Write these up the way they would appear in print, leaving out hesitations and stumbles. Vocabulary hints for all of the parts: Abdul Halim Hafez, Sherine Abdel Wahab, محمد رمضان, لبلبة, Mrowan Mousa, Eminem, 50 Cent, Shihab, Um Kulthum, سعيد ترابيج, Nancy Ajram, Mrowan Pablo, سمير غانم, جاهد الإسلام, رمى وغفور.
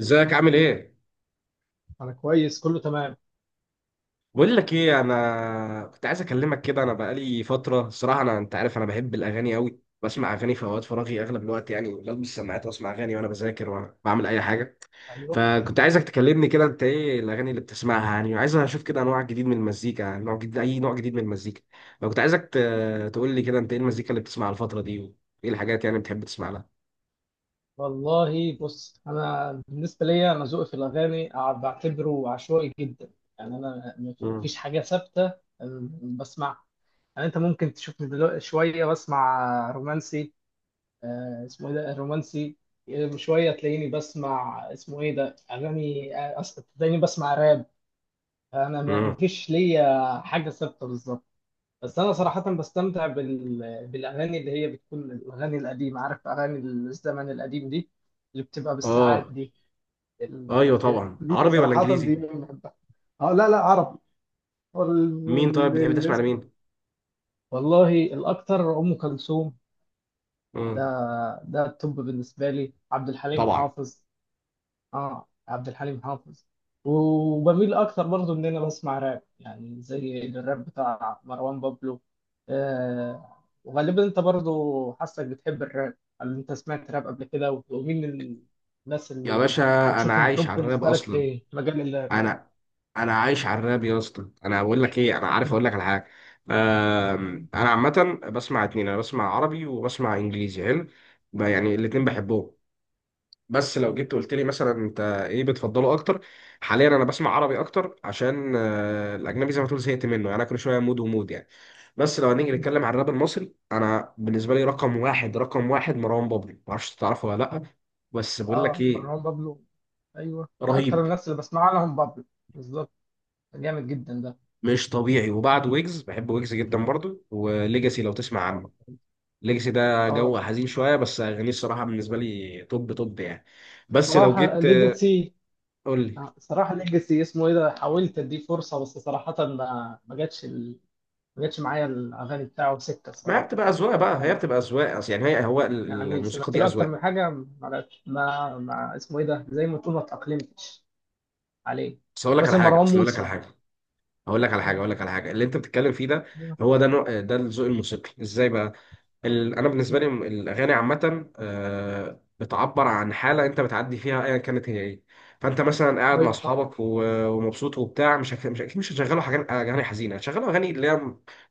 ازيك عامل ايه؟ انا كويس، كله تمام. بقول لك ايه، انا كنت عايز اكلمك كده، انا بقالي فتره الصراحه، انت عارف، انا بحب الاغاني قوي، بسمع اغاني في اوقات فراغي اغلب الوقت، يعني بلبس سماعات واسمع اغاني وانا بذاكر وانا بعمل اي حاجه. ايوه. فكنت عايزك تكلمني كده، انت ايه الاغاني اللي بتسمعها يعني، وعايز اشوف كده انواع جديد من المزيكا، يعني نوع جديد، اي نوع جديد من المزيكا. فكنت عايزك تقول لي كده انت ايه المزيكا اللي بتسمعها الفتره دي، وايه الحاجات يعني بتحب تسمع لها. والله، بص، انا بالنسبه ليا انا ذوقي في الاغاني بعتبره عشوائي جدا. يعني انا امم. مفيش حاجه ثابته. بسمعها. يعني انت ممكن تشوفني دلوقتي شويه بسمع رومانسي. اسمه ايه ده رومانسي. شويه تلاقيني بسمع اسمه ايه ده اغاني، تلاقيني بسمع راب. انا امم. مفيش ليا حاجه ثابته بالظبط. بس انا صراحه بستمتع بالاغاني اللي هي بتكون الاغاني القديمه، عارف، اغاني الزمن القديم دي، اللي بتبقى بالساعات اه. دي. ايوه طبعا، دي عربي ولا صراحه انجليزي؟ دي أنا بحبها. اه، لا لا، عربي. مين؟ طيب بتحب تسمع الاسم. لمين؟ والله الاكتر ام كلثوم. ده امم. ده التوب بالنسبه لي. عبد الحليم طبعا. حافظ. اه، عبد الحليم حافظ. وبميل اكتر برضو ان انا بسمع راب، يعني زي الراب بتاع مروان بابلو. وغالبا انت برضو حاسك بتحب الراب. هل انت سمعت راب قبل كده و- ومين الناس يا اللي باشا، انا بتشوفهم عايش توب على الراب بالنسبه لك اصلا. في مجال الراب؟ انا انا عايش على الراب يا اسطى، انا بقول لك ايه، انا عارف م- اقول لك على حاجه. م- انا عامه بسمع اتنين، انا بسمع عربي وبسمع انجليزي، حلو. يعني الاتنين بحبهم. بس لو م- جيت قلت لي مثلا انت ايه بتفضله اكتر، حاليا انا بسمع عربي اكتر عشان الاجنبي زي ما تقول زهقت منه، يعني انا كل شويه مود ومود يعني. بس لو هنيجي م. نتكلم عن الراب المصري، انا بالنسبه لي رقم واحد رقم واحد مروان بابلو، معرفش تعرفه ولا لا. بس بقول لك اه، ايه، مروان بابلو. ايوه، من اكتر رهيب الناس اللي بسمع لهم بابلو. بالظبط. جامد جدا ده. مش طبيعي. وبعد ويجز، بحب ويجز م. جدا برضو، وليجاسي لو تسمع اه. عنه. ليجاسي ده جو آه، حزين شويه، بس اغانيه الصراحه بالنسبه لي توب توب يعني. بس لو بصراحه جيت ليجاسي. قول لي. صراحة ليجاسي، اسمه ايه ده، حاولت اديه فرصة، بس صراحة ما جاتش ما جاتش معايا الاغاني بتاعه سكة ما هي الصراحة بتبقى اذواق بقى، هي خالص. بتبقى اذواق، اصل يعني هي هو يعني الموسيقى سمعت دي له اكتر اذواق. من حاجة، ما جاتش، ما اسمه ايه ده، زي ما تقول، ما تأقلمتش عليه. بس اقول يعني لك على مثلا حاجه، مروان اصل اقول لك على موسى. حاجه، اقول لك على حاجه، اقول لك على حاجه اللي انت بتتكلم فيه ده، مم. هو ده نوع، ده الذوق الموسيقي ازاي بقى. انا بالنسبه مم. لي، الاغاني عامه بتعبر عن حاله انت بتعدي فيها ايا كانت هي ايه. فانت مثلا قاعد مع ايوه، صح. اصحابك ومبسوط وبتاع، مش مش اكيد مش هتشغلوا حاجات اغاني حزينه، هتشغلوا اغاني اللي هي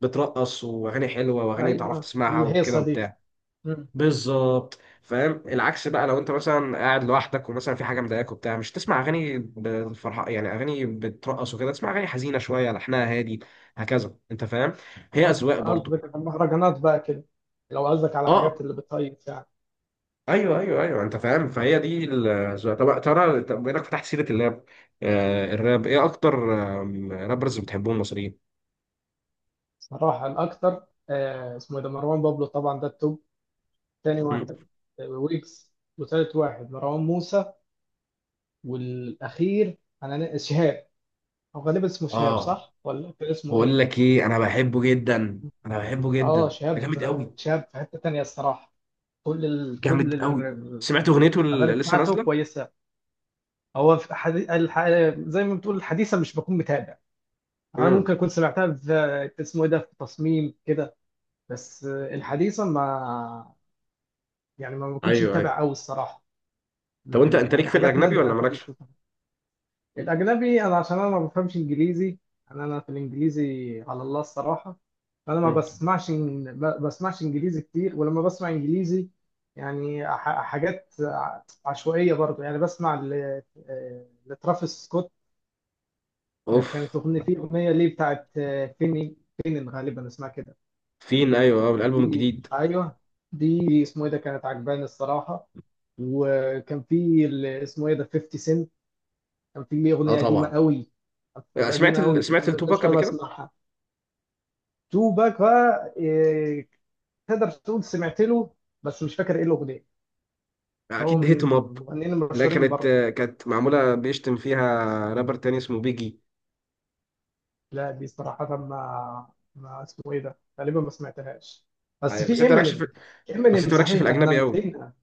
بترقص واغاني حلوه واغاني تعرف ايوه، تسمعها وكده الهيصة دي. وبتاع. مم. بالظبط فاهم. العكس بقى، لو انت مثلا قاعد لوحدك ومثلا في حاجه مضايقاك وبتاع، مش تسمع اغاني بالفرحه، يعني اغاني بترقص وكده، تسمع اغاني حزينه شويه لحنها هادي. هكذا انت فاهم. هي قصد- اذواق برضو. قصدك على المهرجانات بقى كده؟ لو قصدك على حاجات اه. اللي بتهيص يعني. ايوه ايوه ايوه، انت فاهم. فهي دي طب ترى، طب بما انك فتحت سيره اللاب، الراب، ايه اكتر رابرز بتحبهم المصريين؟ صراحة الأكتر، اسمه إيه ده، مروان بابلو. طبعا ده التوب. تاني مم. واحد ويجز. وتالت واحد مروان موسى. والأخير، أنا شهاب. أو غالبا اسمه شهاب، اه، صح؟ ولا كان اسمه بقول إيه؟ لك ايه، انا بحبه جدا انا بحبه جدا، ده شهاب. جامد قوي. شهاب في حتة تانية الصراحة. كل ال... كل جامد قوي. ال- سمعت اغنيته الأغاني اللي لسه بتاعته نازله؟ كويسة. هو في زي ما بتقول الحديثة مش بكون متابع. أنا امم. ممكن أكون سمعتها في اسمه إيه ده، في تصميم كده. بس الحديثة، ما يعني ما بكونش ايوه ايوه. متابع أوي الصراحة. طب انت ليك يعني في حاجات الاجنبي نادرة. ولا مالكش؟ الأجنبي أنا عشان أنا ما بفهمش إنجليزي. أنا في الإنجليزي على الله الصراحة. فأنا ما مم. بسمعش ما بسمعش إنجليزي كتير. ولما بسمع إنجليزي، يعني حاجات عشوائية برضو. يعني بسمع لترافيس سكوت. اوف. كانت أغنية فيه، أغنية ليه بتاعت فيني، فينن غالبا اسمها كده. فين، ايوه، اه الالبوم دي، الجديد. أيوه، دي اسمه إيه ده كانت عجباني الصراحة. وكان في اسمه إيه ده 50 سنت. كان في ليه اه أغنية قديمة طبعا. قوي، سمعت قديمة قوي كنت سمعت كل التوباك شوية قبل كده؟ بسمعها. تو باك بقى، إيه، تقدر تقول سمعت له، بس مش فاكر إيه الأغنية. هو اكيد من هيت ام اب. المغنيين لا المشهورين كانت برضه. كانت معموله بيشتم فيها، رابر تاني اسمه بيجي. لا دي صراحة ما اسمه إيه ده غالبا ما سمعتهاش. بس أيوة، بس في انت مالكش إمينيم. في بس انت مالكش في صحيح ده إحنا الاجنبي قوي. نسينا.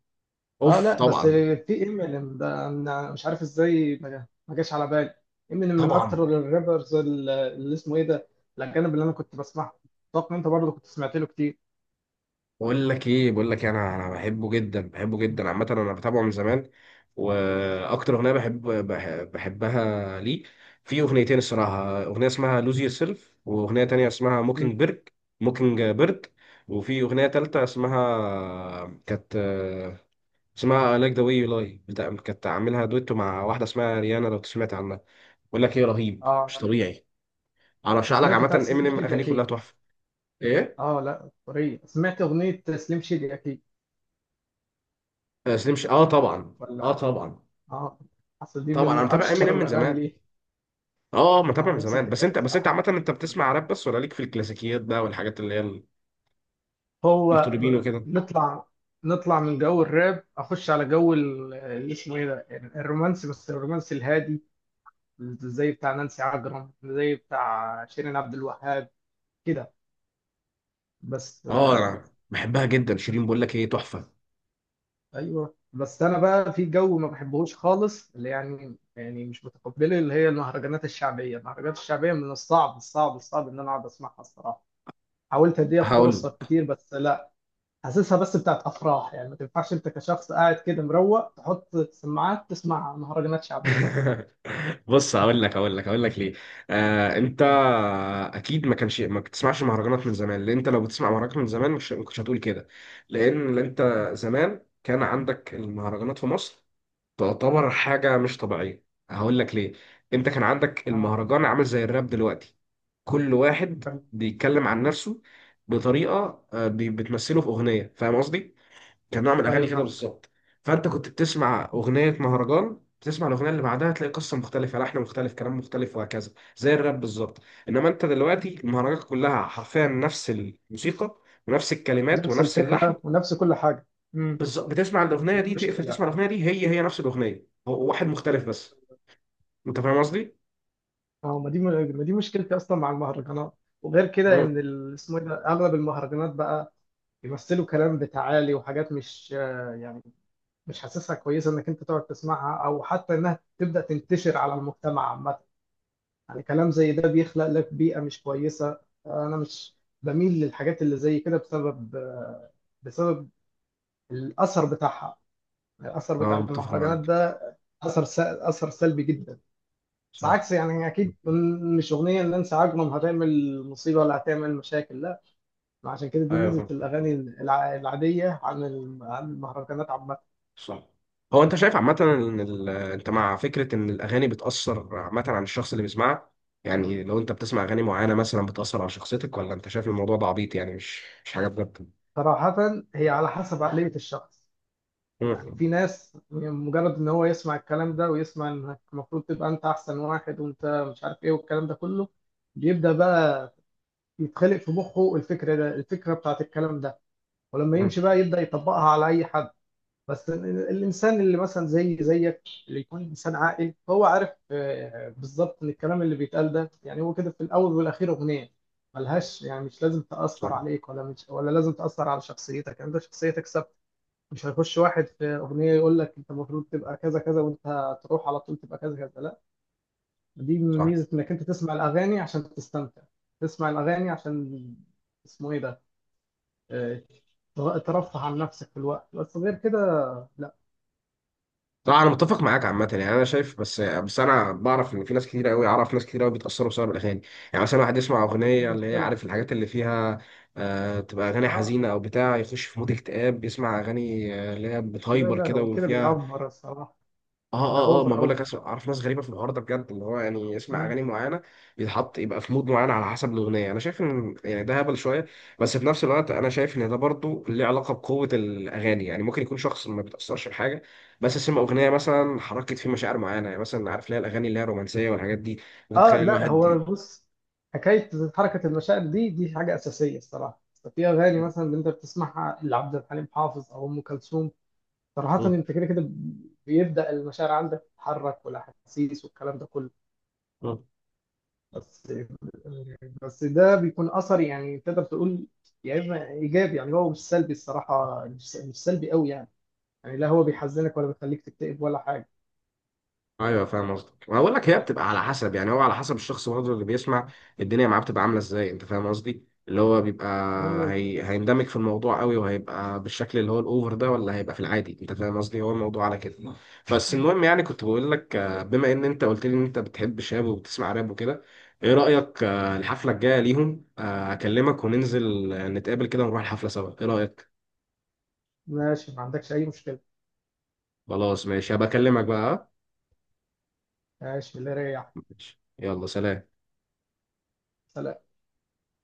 أه اوف لا، بس طبعا. في إمينيم ده أنا مش عارف إزاي ما جاش على بالي. إمينيم من طبعا. أكتر الرابرز اللي اسمه إيه ده، الأجانب اللي أنا كنت بسمعهم. أتوقع إن أنت برضه كنت سمعت له كتير. بقول لك إيه، انا بحبه جدا بحبه جدا عامه، انا بتابعه من زمان. واكتر اغنيه بحب، بحبها ليه، في اغنيتين الصراحه: اغنيه اسمها لوز يور سيلف، واغنيه تانية اسمها موكينج مم. بيرد. موكينج بيرد. وفي اغنيه تالتة اسمها، كانت اسمها لايك ذا واي يو لاي، بتاع كانت عاملها دويتو مع واحده اسمها ريانا لو سمعت عنها. بقول لك ايه، رهيب مش اه. طبيعي. انا ارشح لك وسمعت عامه بتاعت سليم امينيم، شادي اغانيه كلها اكيد. تحفه. ايه؟ اه، لا طريقة، سمعت اغنية سليم شادي اكيد، سليم اه طبعا. اه ولا؟ طبعا. اه. اصل دي طبعا من انا متابع اشهر امينيم من الاغاني زمان. ليه. اه اه، متابع من نفس زمان. بس الحكاية انت بس انت الصراحة. عامه انت مم. بتسمع راب بس ولا ليك في الكلاسيكيات بقى والحاجات اللي هي هو المطربين وكده؟ نطلع نطلع من جو الراب، اخش على جو اللي اسمه ايه ده، يعني الرومانسي، بس الرومانسي الهادي، زي بتاع نانسي عجرم، زي بتاع شيرين عبد الوهاب كده. بس اه انا آه، بحبها جدا شيرين، بقول لك ايه تحفه. ايوه، بس انا بقى في جو ما بحبهوش خالص، اللي يعني مش متقبله، اللي هي المهرجانات الشعبيه. المهرجانات الشعبيه من الصعب الصعب الصعب ان انا اقعد اسمعها الصراحه. حاولت اديها هقول فرصه كتير، بس لا. حاسسها بس بتاعت افراح، يعني ما تنفعش انت كشخص قاعد كده مروق تحط سماعات تسمع مهرجانات شعبيه. بص، هقول لك، هقول لك ليه. انت مم. اكيد ما كانش ما بتسمعش مهرجانات من زمان، لان انت لو بتسمع مهرجانات من زمان مش ما كنتش هتقول كده. لان انت زمان كان عندك المهرجانات في مصر تعتبر حاجه مش طبيعيه. هقول لك ليه. انت كان عندك اه، المهرجان عامل زي الراب دلوقتي، كل واحد فاهم. بيتكلم عن نفسه بطريقه بتمثله في اغنيه، فاهم قصدي؟ كان نوع من الاغاني ايوه، كده فاهم. بالظبط. فانت كنت بتسمع اغنيه مهرجان، تسمع الاغنيه اللي بعدها تلاقي قصه مختلفه، لحن مختلف، كلام مختلف، وهكذا، زي الراب بالظبط. انما انت دلوقتي المهرجانات كلها حرفيا نفس الموسيقى، ونفس الكلمات، نفس ونفس اللحن. الفكره ونفس كل حاجه. امم بالظبط، بتسمع الاغنيه دي دي تقفل، مشكله. تسمع الاغنيه دي هي هي نفس الاغنيه، هو واحد مختلف بس. انت فاهم قصدي؟ اه، ما دي مشكلتي اصلا مع المهرجانات. وغير كده مم. ان اسمه ايه ده اغلب المهرجانات بقى بيمثلوا كلام بتعالي وحاجات مش، يعني، مش حاسسها كويسه انك انت تقعد تسمعها، او حتى انها تبدا تنتشر على المجتمع عامه. يعني كلام زي ده بيخلق لك بيئه مش كويسه. انا مش بميل للحاجات اللي زي كده بسبب، بسبب الاثر بتاعها، الاثر بتاع اه متفق المهرجانات معاك. ده. اثر سلبي جدا. بس صح. عكس يعني، اكيد مش اغنيه ان نانسي عجرم هتعمل مصيبه ولا هتعمل مشاكل، لا. عشان كده دي ايوه ميزه فاهم. الاغاني العاديه عن المهرجانات عامه. صح. هو انت شايف عامة ان انت مع فكرة ان الاغاني بتأثر عامة على الشخص اللي بيسمعها؟ يعني لو انت بتسمع اغاني معينة مثلا بتأثر على شخصيتك، ولا انت شايف الموضوع ده عبيط يعني، مش حاجة بجد؟ صراحة هي على حسب عقلية الشخص. يعني مم. في ناس مجرد ان هو يسمع الكلام ده ويسمع انك المفروض تبقى انت احسن واحد، وانت مش عارف ايه، والكلام ده كله بيبدأ بقى يتخلق في مخه الفكرة ده، الفكرة بتاعت الكلام ده. ولما مم. يمشي بقى يبدأ يطبقها على اي حد. بس الانسان اللي مثلا زي زيك، اللي يكون انسان عاقل، هو عارف، بالظبط، ان الكلام اللي بيتقال ده يعني هو كده، في الاول والاخير اغنية. ملهاش، يعني مش لازم صح. تأثر عليك، ولا مش ولا لازم تأثر على شخصيتك. يعني انت شخصيتك ثابتة. مش هيخش واحد في اغنيه يقول لك انت المفروض تبقى كذا كذا، وانت هتروح على طول تبقى كذا كذا، لا. دي صح. ميزه انك انت تسمع الاغاني عشان تستمتع، تسمع الاغاني عشان، اسمه ايه ده، آه، ترفه عن نفسك في الوقت، بس غير كده لا. طبعا انا متفق معاك عامة، يعني انا شايف، بس انا بعرف ان في ناس كتير قوي، اعرف ناس كتير قوي بيتأثروا بسبب الاغاني. يعني مثلا واحد يسمع دي اغنية اللي هي مشكله. عارف الحاجات اللي فيها، تبقى اغاني اه حزينة او بتاع، يخش في مود اكتئاب يسمع اغاني اللي هي لا، بتهايبر لا كده هو كده وفيها. بيأفور الصراحه. اه ده اه اه، اوفر ما بقول قوي. لك، اعرف ناس غريبه في الحوار ده بجد، اللي هو يعني يسمع اه. اغاني معينه بيتحط يبقى في مود معين على حسب الاغنيه. انا شايف ان يعني ده هبل شويه. بس في نفس الوقت انا شايف ان ده برضو ليه علاقه بقوه الاغاني، يعني ممكن يكون شخص ما بيتاثرش بحاجه بس سمع اغنيه مثلا حركت فيه مشاعر معينه، يعني مثلا عارف ليه الاغاني اللي هي الرومانسيه والحاجات دي بتخلي لا هو الواحد. بص، حكايه حركه المشاعر دي، دي حاجه اساسيه الصراحه. في اغاني مثلا اللي انت بتسمعها لعبد الحليم حافظ او ام كلثوم، دي، صراحة انت كده كده بيبدأ المشاعر عندك تتحرك والاحاسيس والكلام ده كله. بس بس ده بيكون اثر يعني، تقدر تقول يا اما ايجابي، يعني هو مش سلبي الصراحة، مش سلبي قوي يعني. يعني لا هو بيحزنك ولا بيخليك تكتئب ولا حاجة. ايوه فاهم قصدك. ما بقول لك هي بتبقى على حسب، يعني هو على حسب الشخص برضه اللي بيسمع، الدنيا معاه بتبقى عامله ازاي. انت فاهم قصدي؟ اللي هو بيبقى ايوه، هيندمج في الموضوع قوي وهيبقى بالشكل اللي هو الاوفر ده، ولا هيبقى في العادي. انت فاهم قصدي، هو الموضوع على كده. بس المهم يعني كنت بقول لك، بما ان انت قلت لي ان انت بتحب شاب وبتسمع راب وكده، ايه رايك الحفله الجايه ليهم، اكلمك وننزل نتقابل كده ونروح الحفله سوا، ايه رايك؟ ماشي، ما عندكش اي مشكلة. خلاص ماشي، هبكلمك بقى، آه؟ ماشي، الله يريحك. ماشي. يلا سلام. سلام.